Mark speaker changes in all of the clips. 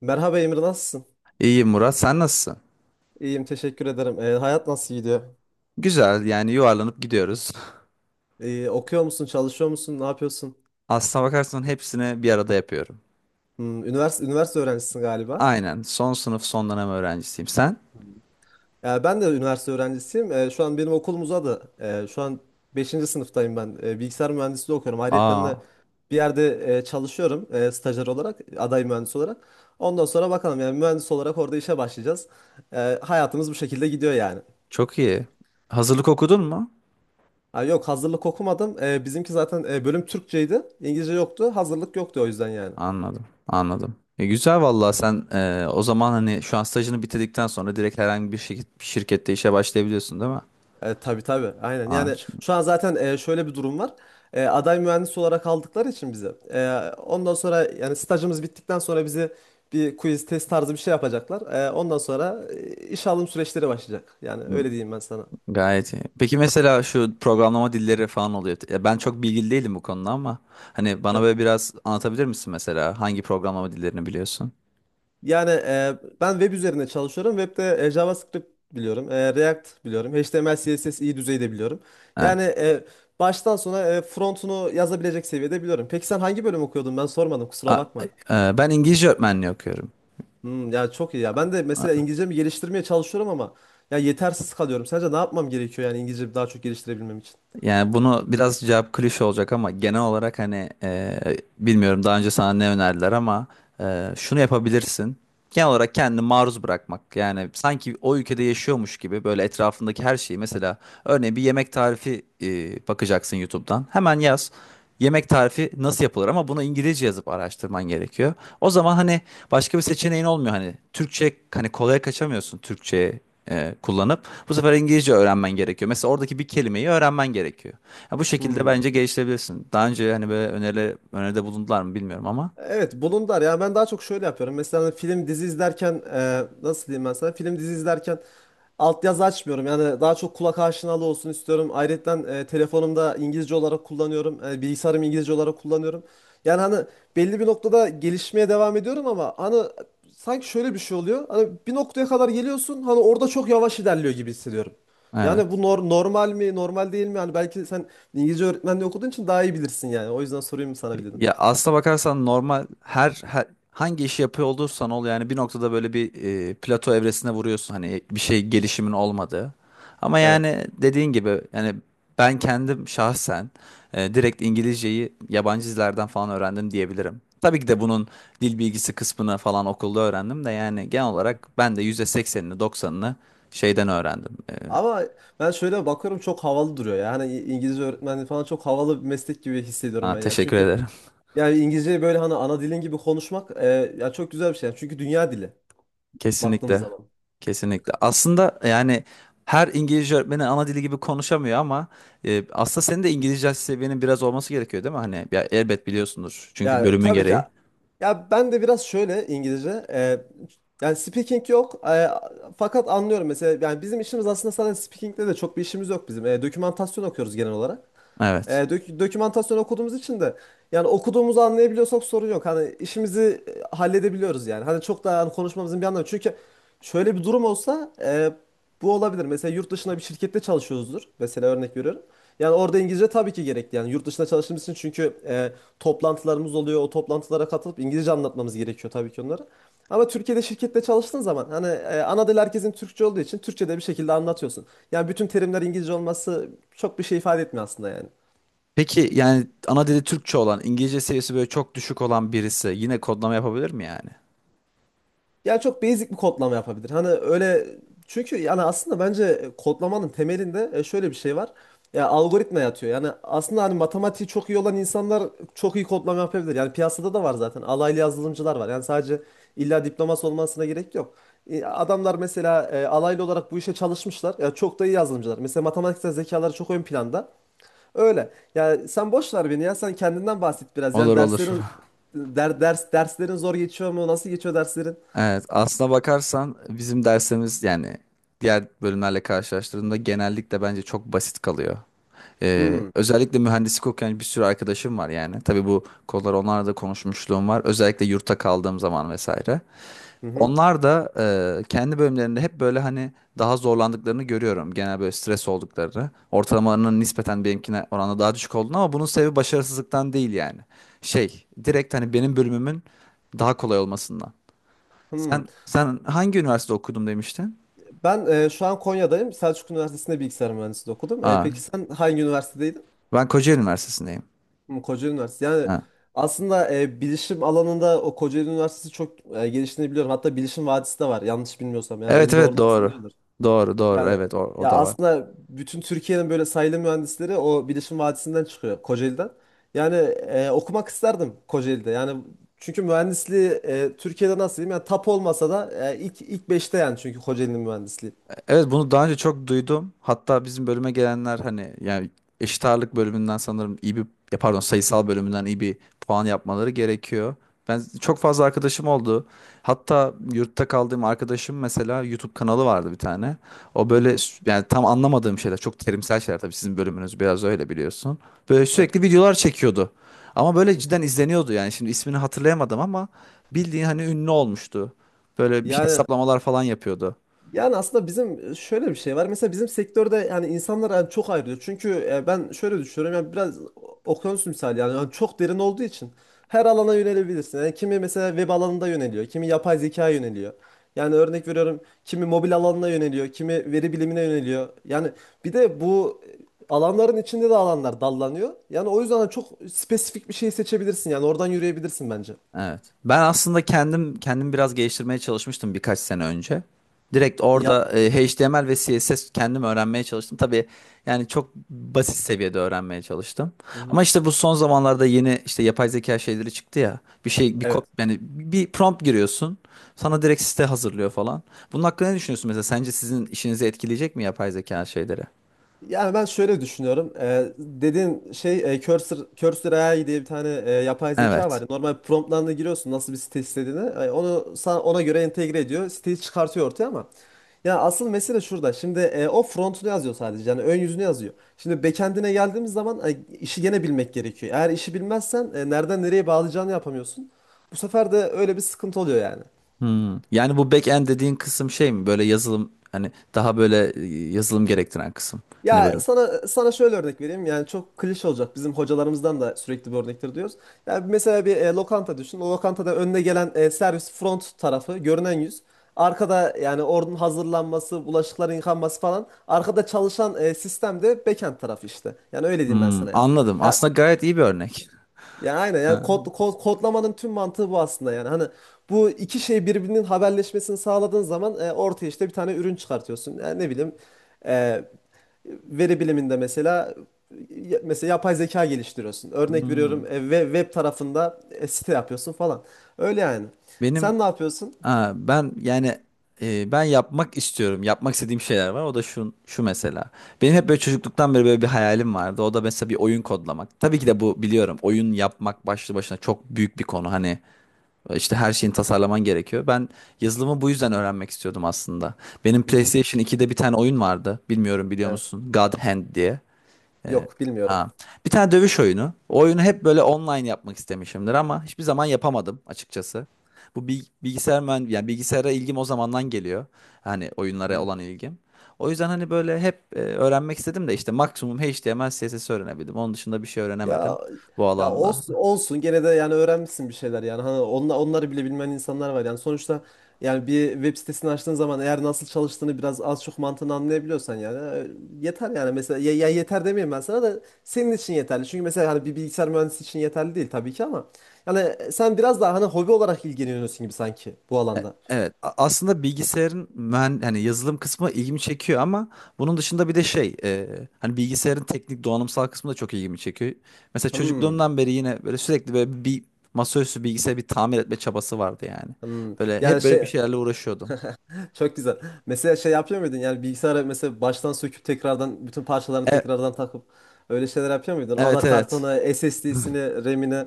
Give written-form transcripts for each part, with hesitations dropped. Speaker 1: Merhaba Emir, nasılsın?
Speaker 2: İyi Murat, sen nasılsın?
Speaker 1: İyiyim, teşekkür ederim. Hayat nasıl gidiyor?
Speaker 2: Güzel, yani yuvarlanıp gidiyoruz.
Speaker 1: Okuyor musun, çalışıyor musun, ne yapıyorsun?
Speaker 2: Aslına bakarsan hepsini bir arada yapıyorum.
Speaker 1: Üniversite öğrencisin galiba.
Speaker 2: Aynen, son sınıf son dönem öğrencisiyim. Sen?
Speaker 1: Ben de üniversite öğrencisiyim. Şu an benim okulum uzadı. Şu an beşinci sınıftayım ben. Bilgisayar mühendisliği okuyorum. Ayrıca
Speaker 2: Aa,
Speaker 1: de bir yerde çalışıyorum, stajyer olarak, aday mühendis olarak. Ondan sonra bakalım, yani mühendis olarak orada işe başlayacağız. Hayatımız bu şekilde gidiyor yani.
Speaker 2: çok iyi. Hazırlık okudun mu?
Speaker 1: Ha, yok, hazırlık okumadım. Bizimki zaten bölüm Türkçeydi. İngilizce yoktu. Hazırlık yoktu o yüzden yani.
Speaker 2: Anladım, anladım. Güzel vallahi sen o zaman hani şu an stajını bitirdikten sonra direkt herhangi bir şirket, bir şirkette işe başlayabiliyorsun değil mi?
Speaker 1: Tabii tabii, aynen,
Speaker 2: Aa,
Speaker 1: yani
Speaker 2: ç-
Speaker 1: şu an zaten şöyle bir durum var. Aday mühendis olarak aldıkları için bizi, ondan sonra yani stajımız bittikten sonra bize bir quiz test tarzı bir şey yapacaklar. Ondan sonra iş alım süreçleri başlayacak, yani öyle diyeyim ben sana.
Speaker 2: Gayet iyi. Peki mesela şu programlama dilleri falan oluyor. Ya ben çok bilgili değilim bu konuda ama hani bana
Speaker 1: Evet.
Speaker 2: böyle biraz anlatabilir misin mesela? Hangi programlama dillerini biliyorsun?
Speaker 1: Yani ben web üzerinde çalışıyorum. Webde JavaScript biliyorum, React biliyorum, HTML CSS iyi düzeyde biliyorum.
Speaker 2: Evet.
Speaker 1: Yani baştan sona frontunu yazabilecek seviyede biliyorum. Peki sen hangi bölüm okuyordun, ben sormadım, kusura
Speaker 2: A-
Speaker 1: bakma.
Speaker 2: Ben İngilizce öğretmenliği okuyorum.
Speaker 1: Hmm, ya çok iyi ya. Ben de mesela
Speaker 2: A-
Speaker 1: İngilizcemi geliştirmeye çalışıyorum, ama ya yetersiz kalıyorum. Sence ne yapmam gerekiyor, yani İngilizcemi daha çok geliştirebilmem için?
Speaker 2: Yani bunu biraz cevap klişe olacak ama genel olarak hani bilmiyorum daha önce sana ne önerdiler ama şunu yapabilirsin. Genel olarak kendini maruz bırakmak. Yani sanki o ülkede yaşıyormuş gibi böyle etrafındaki her şeyi mesela örneğin bir yemek tarifi bakacaksın YouTube'dan. Hemen yaz. Yemek tarifi nasıl yapılır ama bunu İngilizce yazıp araştırman gerekiyor. O zaman hani başka bir seçeneğin olmuyor, hani Türkçe, hani kolaya kaçamıyorsun Türkçe kullanıp bu sefer İngilizce öğrenmen gerekiyor. Mesela oradaki bir kelimeyi öğrenmen gerekiyor. Ya bu şekilde
Speaker 1: Hmm.
Speaker 2: bence geliştirebilirsin. Daha önce hani böyle öneride bulundular mı bilmiyorum ama
Speaker 1: Evet, bulundar ya, ben daha çok şöyle yapıyorum. Mesela hani film dizi izlerken, nasıl diyeyim ben sana, film dizi izlerken altyazı açmıyorum. Yani daha çok kulak aşinalı olsun istiyorum. Ayrıca telefonumda İngilizce olarak kullanıyorum. Bilgisayarım İngilizce olarak kullanıyorum. Yani hani belli bir noktada gelişmeye devam ediyorum, ama hani sanki şöyle bir şey oluyor. Hani bir noktaya kadar geliyorsun, hani orada çok yavaş ilerliyor gibi hissediyorum. Yani bu
Speaker 2: evet.
Speaker 1: normal mi, normal değil mi? Yani belki sen İngilizce öğretmenliği okuduğun için daha iyi bilirsin yani. O yüzden sorayım sana bir dedim.
Speaker 2: Ya aslına bakarsan normal her hangi işi yapıyor olursan ol yani bir noktada böyle bir plato evresine vuruyorsun, hani bir şey gelişimin olmadığı. Ama
Speaker 1: Evet.
Speaker 2: yani dediğin gibi yani ben kendim şahsen direkt İngilizceyi yabancı dizilerden falan öğrendim diyebilirim. Tabii ki de bunun dil bilgisi kısmını falan okulda öğrendim de yani genel olarak ben de %80'ini 90'ını şeyden öğrendim.
Speaker 1: Ama ben şöyle bakıyorum, çok havalı duruyor ya. Hani İngilizce öğretmenliği falan çok havalı bir meslek gibi hissediyorum
Speaker 2: Aa,
Speaker 1: ben yani.
Speaker 2: teşekkür
Speaker 1: Çünkü
Speaker 2: ederim.
Speaker 1: yani İngilizceyi böyle hani ana dilin gibi konuşmak, ya çok güzel bir şey. Yani çünkü dünya dili baktığımız
Speaker 2: Kesinlikle.
Speaker 1: zaman.
Speaker 2: Kesinlikle. Aslında yani her İngilizce öğretmeni ana dili gibi konuşamıyor ama aslında senin de İngilizce seviyenin biraz olması gerekiyor değil mi? Hani ya, elbet biliyorsundur. Çünkü
Speaker 1: Yani
Speaker 2: bölümün
Speaker 1: tabii ki,
Speaker 2: gereği.
Speaker 1: ya ben de biraz şöyle İngilizce, yani speaking yok, fakat anlıyorum mesela. Yani bizim işimiz aslında sadece speaking'de de çok bir işimiz yok bizim. Dokümantasyon okuyoruz genel olarak.
Speaker 2: Evet.
Speaker 1: Dokümantasyon okuduğumuz için de yani okuduğumuzu anlayabiliyorsak sorun yok. Hani işimizi halledebiliyoruz yani. Hani çok daha hani konuşmamızın bir anlamı. Çünkü şöyle bir durum olsa bu olabilir. Mesela yurt dışında bir şirkette çalışıyoruzdur. Mesela örnek veriyorum. Yani orada İngilizce tabii ki gerekli. Yani yurt dışında çalıştığımız için, çünkü toplantılarımız oluyor. O toplantılara katılıp İngilizce anlatmamız gerekiyor tabii ki onlara. Ama Türkiye'de şirkette çalıştığın zaman, hani ana dil herkesin Türkçe olduğu için Türkçe'de bir şekilde anlatıyorsun. Yani bütün terimler İngilizce olması çok bir şey ifade etmiyor aslında yani.
Speaker 2: Peki yani ana dili Türkçe olan, İngilizce seviyesi böyle çok düşük olan birisi yine kodlama yapabilir mi yani?
Speaker 1: Ya çok basic bir kodlama yapabilir. Hani öyle, çünkü yani aslında bence kodlamanın temelinde şöyle bir şey var. Ya algoritma yatıyor. Yani aslında hani matematiği çok iyi olan insanlar çok iyi kodlama yapabilir. Yani piyasada da var zaten. Alaylı yazılımcılar var. Yani sadece illa diploması olmasına gerek yok. Adamlar mesela alaylı olarak bu işe çalışmışlar. Ya çok da iyi yazılımcılar. Mesela matematiksel zekaları çok ön planda. Öyle. Yani sen boş ver beni ya. Sen kendinden bahset biraz. Yani
Speaker 2: Olur olur.
Speaker 1: derslerin der, ders derslerin zor geçiyor mu? Nasıl geçiyor derslerin?
Speaker 2: Evet, aslına bakarsan bizim dersimiz yani diğer bölümlerle karşılaştırdığında genellikle bence çok basit kalıyor. Özellikle mühendislik okuyan bir sürü arkadaşım var yani. Tabii bu konuları onlarla da konuşmuşluğum var. Özellikle yurtta kaldığım zaman vesaire.
Speaker 1: Hı hı.
Speaker 2: Onlar da kendi bölümlerinde hep böyle hani daha zorlandıklarını görüyorum. Genel böyle stres olduklarını. Ortalamalarının nispeten benimkine oranla daha düşük olduğunu, ama bunun sebebi başarısızlıktan değil yani. Şey, direkt hani benim bölümümün daha kolay olmasından.
Speaker 1: Hmm.
Speaker 2: Sen hangi üniversitede okudum demiştin?
Speaker 1: Ben şu an Konya'dayım. Selçuk Üniversitesi'nde bilgisayar mühendisliği okudum.
Speaker 2: Ha,
Speaker 1: Peki sen hangi üniversitedeydin?
Speaker 2: ben Kocaeli Üniversitesi'ndeyim.
Speaker 1: Hmm, Kocaeli Üniversitesi. Yani
Speaker 2: Ha.
Speaker 1: aslında bilişim alanında o Kocaeli Üniversitesi çok geliştiğini biliyorum. Hatta Bilişim Vadisi de var yanlış bilmiyorsam. Yani
Speaker 2: Evet
Speaker 1: beni
Speaker 2: evet
Speaker 1: doğrularsan
Speaker 2: doğru.
Speaker 1: iyi olur.
Speaker 2: Doğru doğru
Speaker 1: Yani
Speaker 2: evet, o
Speaker 1: ya,
Speaker 2: da var.
Speaker 1: aslında bütün Türkiye'nin böyle sayılı mühendisleri o Bilişim Vadisi'nden çıkıyor, Kocaeli'den. Yani okumak isterdim Kocaeli'de. Yani, çünkü mühendisliği Türkiye'de nasıl diyeyim? Yani tap olmasa da ilk beşte yani, çünkü Kocaeli'nin mühendisliği.
Speaker 2: Evet bunu daha önce çok duydum. Hatta bizim bölüme gelenler hani yani eşit ağırlık bölümünden sanırım iyi bir, ya pardon, sayısal bölümünden iyi bir puan yapmaları gerekiyor. Ben çok fazla arkadaşım oldu. Hatta yurtta kaldığım arkadaşım mesela YouTube kanalı vardı bir tane. O
Speaker 1: Hı
Speaker 2: böyle
Speaker 1: hı.
Speaker 2: yani tam anlamadığım şeyler, çok terimsel şeyler, tabii sizin bölümünüz biraz öyle biliyorsun. Böyle
Speaker 1: Evet.
Speaker 2: sürekli videolar çekiyordu. Ama böyle cidden izleniyordu yani, şimdi ismini hatırlayamadım ama bildiğin hani ünlü olmuştu. Böyle bir şey
Speaker 1: Yani
Speaker 2: hesaplamalar falan yapıyordu.
Speaker 1: yani aslında bizim şöyle bir şey var. Mesela bizim sektörde yani insanlar yani çok ayrılıyor. Çünkü ben şöyle düşünüyorum, yani biraz okyanus misali yani, yani çok derin olduğu için her alana yönelebilirsin. Yani kimi mesela web alanında yöneliyor, kimi yapay zekaya yöneliyor. Yani örnek veriyorum, kimi mobil alanına yöneliyor, kimi veri bilimine yöneliyor. Yani bir de bu alanların içinde de alanlar dallanıyor. Yani o yüzden çok spesifik bir şey seçebilirsin. Yani oradan yürüyebilirsin bence.
Speaker 2: Evet. Ben aslında kendim biraz geliştirmeye çalışmıştım birkaç sene önce. Direkt
Speaker 1: Ya.
Speaker 2: orada HTML ve CSS kendim öğrenmeye çalıştım. Tabii yani çok basit seviyede öğrenmeye çalıştım.
Speaker 1: Hı hı.
Speaker 2: Ama işte bu son zamanlarda yeni işte yapay zeka şeyleri çıktı ya. Bir şey, bir kod,
Speaker 1: Evet.
Speaker 2: yani bir prompt giriyorsun. Sana direkt site hazırlıyor falan. Bunun hakkında ne düşünüyorsun mesela? Sence sizin işinizi etkileyecek mi yapay zeka şeyleri?
Speaker 1: Yani ben şöyle düşünüyorum. Dediğin şey Cursor AI diye bir tane yapay zeka
Speaker 2: Evet.
Speaker 1: var. Normal promptlarına giriyorsun nasıl bir site istediğini. Onu sana, ona göre entegre ediyor. Siteyi çıkartıyor ortaya ama. Ya asıl mesele şurada. Şimdi o frontunu yazıyor sadece. Yani ön yüzünü yazıyor. Şimdi backend'ine geldiğimiz zaman işi gene bilmek gerekiyor. Eğer işi bilmezsen nereden nereye bağlayacağını yapamıyorsun. Bu sefer de öyle bir sıkıntı oluyor yani.
Speaker 2: Yani bu backend dediğin kısım şey mi? Böyle yazılım, hani daha böyle yazılım gerektiren kısım. Hani böyle.
Speaker 1: Ya sana şöyle örnek vereyim. Yani çok klişe olacak. Bizim hocalarımızdan da sürekli bu örnektir diyoruz. Yani mesela bir lokanta düşün. O lokantada önüne gelen servis front tarafı, görünen yüz. Arkada yani ordunun hazırlanması, bulaşıkların yıkanması falan, arkada çalışan sistem de backend tarafı işte. Yani öyle diyeyim ben
Speaker 2: Hmm,
Speaker 1: sana yani.
Speaker 2: anladım.
Speaker 1: Ya
Speaker 2: Aslında gayet iyi bir örnek.
Speaker 1: ya aynen, yani
Speaker 2: Ha,
Speaker 1: kodlamanın tüm mantığı bu aslında yani. Hani bu iki şey birbirinin haberleşmesini sağladığın zaman ortaya işte bir tane ürün çıkartıyorsun. Yani ne bileyim, e, veri biliminde mesela mesela yapay zeka geliştiriyorsun. Örnek veriyorum,
Speaker 2: hmm.
Speaker 1: ve web tarafında site yapıyorsun falan. Öyle yani.
Speaker 2: Benim
Speaker 1: Sen ne yapıyorsun?
Speaker 2: ha, Ben yani ben yapmak istiyorum. Yapmak istediğim şeyler var. O da şu şu mesela. Benim hep böyle çocukluktan beri böyle bir hayalim vardı. O da mesela bir oyun kodlamak. Tabii ki de bu, biliyorum, oyun yapmak başlı başına çok büyük bir konu. Hani işte her şeyin tasarlaman gerekiyor. Ben yazılımı bu yüzden öğrenmek istiyordum aslında. Benim
Speaker 1: Hı hı.
Speaker 2: PlayStation 2'de bir tane oyun vardı. Bilmiyorum biliyor
Speaker 1: Evet.
Speaker 2: musun? God Hand diye.
Speaker 1: Yok, bilmiyorum.
Speaker 2: Ha. Bir tane dövüş oyunu. O oyunu hep böyle online yapmak istemişimdir ama hiçbir zaman yapamadım açıkçası. Bu bil- bilgisayar mühend yani bilgisayara ilgim o zamandan geliyor. Hani oyunlara olan ilgim. O yüzden hani böyle hep öğrenmek istedim de işte maksimum HTML, CSS öğrenebildim. Onun dışında bir şey öğrenemedim
Speaker 1: Ya,
Speaker 2: bu
Speaker 1: ya
Speaker 2: alanda.
Speaker 1: olsun, olsun gene de, yani öğrenmişsin bir şeyler yani. Hani onları bile bilmeyen insanlar var yani sonuçta. Yani bir web sitesini açtığın zaman eğer nasıl çalıştığını biraz az çok mantığını anlayabiliyorsan yani yeter yani. Mesela ya, yeter demeyeyim ben sana, da senin için yeterli. Çünkü mesela hani bir bilgisayar mühendisi için yeterli değil tabii ki, ama yani sen biraz daha hani hobi olarak ilgileniyorsun gibi sanki bu alanda.
Speaker 2: Evet, aslında bilgisayarın hani yazılım kısmı ilgimi çekiyor ama bunun dışında bir de hani bilgisayarın teknik donanımsal kısmı da çok ilgimi çekiyor. Mesela
Speaker 1: Hmm,
Speaker 2: çocukluğumdan beri yine böyle sürekli böyle bir masaüstü bilgisayarı bir tamir etme çabası vardı yani.
Speaker 1: hmm.
Speaker 2: Böyle
Speaker 1: Yani
Speaker 2: hep böyle bir
Speaker 1: şey.
Speaker 2: şeylerle uğraşıyordum.
Speaker 1: Çok güzel. Mesela şey yapıyor muydun? Yani bilgisayarı mesela baştan söküp tekrardan bütün parçalarını
Speaker 2: E-
Speaker 1: tekrardan takıp öyle şeyler yapıyor muydun?
Speaker 2: evet evet.
Speaker 1: Anakartını, SSD'sini, RAM'ini.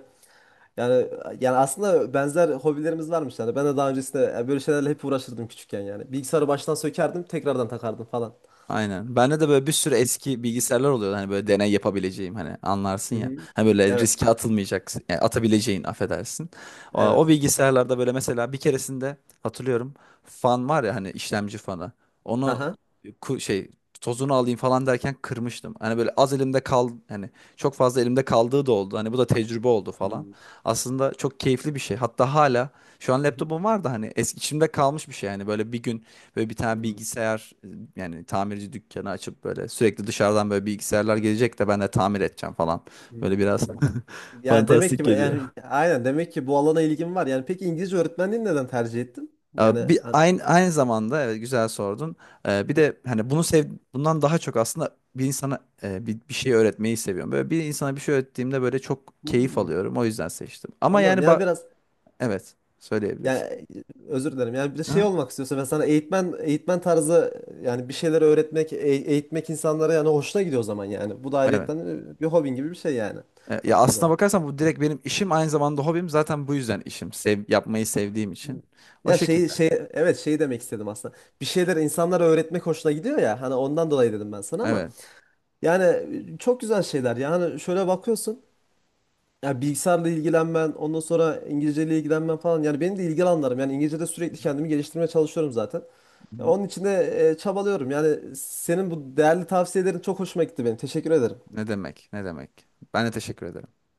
Speaker 1: Yani yani aslında benzer hobilerimiz varmış yani. Ben de daha öncesinde yani böyle şeylerle hep uğraşırdım küçükken yani. Bilgisayarı baştan sökerdim, tekrardan takardım falan.
Speaker 2: Aynen. Bende de böyle bir sürü eski bilgisayarlar oluyor. Hani böyle deney yapabileceğim, hani anlarsın
Speaker 1: Hı
Speaker 2: ya.
Speaker 1: hı.
Speaker 2: Hani böyle
Speaker 1: Evet,
Speaker 2: riske atılmayacaksın. Yani atabileceğin, affedersin. O
Speaker 1: evet.
Speaker 2: bilgisayarlarda böyle mesela bir keresinde hatırlıyorum fan var ya hani işlemci fanı. Onu
Speaker 1: Haha.
Speaker 2: ku- şey tozunu alayım falan derken kırmıştım. Hani böyle az elimde kal, hani çok fazla elimde kaldığı da oldu. Hani bu da tecrübe oldu falan.
Speaker 1: Hmm.
Speaker 2: Aslında çok keyifli bir şey. Hatta hala şu an
Speaker 1: Hı hı.
Speaker 2: laptopum var da, hani eski içimde kalmış bir şey yani, böyle bir gün böyle bir tane
Speaker 1: Hmm.
Speaker 2: bilgisayar yani tamirci dükkanı açıp böyle sürekli dışarıdan böyle bilgisayarlar gelecek de ben de tamir edeceğim falan. Böyle
Speaker 1: Hmm.
Speaker 2: biraz
Speaker 1: Yani demek
Speaker 2: fantastik
Speaker 1: ki
Speaker 2: geliyor.
Speaker 1: yani aynen, demek ki bu alana ilgim var. Yani peki İngilizce öğretmenliğini neden tercih ettin? Yani
Speaker 2: Bir
Speaker 1: ha-
Speaker 2: aynı zamanda evet, güzel sordun. Bir de hani bunu sev bundan daha çok aslında bir insana bir şey öğretmeyi seviyorum. Böyle bir insana bir şey öğrettiğimde böyle çok keyif
Speaker 1: Hmm.
Speaker 2: alıyorum. O yüzden seçtim. Ama
Speaker 1: Anladım.
Speaker 2: yani
Speaker 1: Yani
Speaker 2: bak
Speaker 1: biraz.
Speaker 2: evet söyleyebilirsin.
Speaker 1: Yani özür dilerim. Yani bir de şey
Speaker 2: Hı?
Speaker 1: olmak istiyorsa, ben sana eğitmen, eğitmen tarzı yani bir şeyler öğretmek, eğitmek insanlara yani hoşuna gidiyor o zaman yani. Bu da
Speaker 2: Evet.
Speaker 1: ayrıyetten bir hobin gibi bir şey yani
Speaker 2: Ya
Speaker 1: baktığın
Speaker 2: aslına
Speaker 1: zaman.
Speaker 2: bakarsan bu direkt benim işim aynı zamanda hobim. Zaten bu yüzden işim. Sev, yapmayı sevdiğim için. O
Speaker 1: Ya, şey
Speaker 2: şekilde.
Speaker 1: şey, evet, şey demek istedim aslında. Bir şeyler insanlara öğretmek hoşuna gidiyor ya. Hani ondan dolayı dedim ben sana, ama
Speaker 2: Evet.
Speaker 1: yani çok güzel şeyler. Yani şöyle bakıyorsun, ya bilgisayarla ilgilenmen, ondan sonra İngilizceyle ilgilenmen falan. Yani benim de ilgi alanlarım. Yani İngilizce'de sürekli kendimi geliştirmeye çalışıyorum zaten.
Speaker 2: Hı
Speaker 1: Ya
Speaker 2: hı.
Speaker 1: onun için de çabalıyorum. Yani senin bu değerli tavsiyelerin çok hoşuma gitti benim. Teşekkür ederim.
Speaker 2: Ne demek? Ne demek? Ben de teşekkür ederim.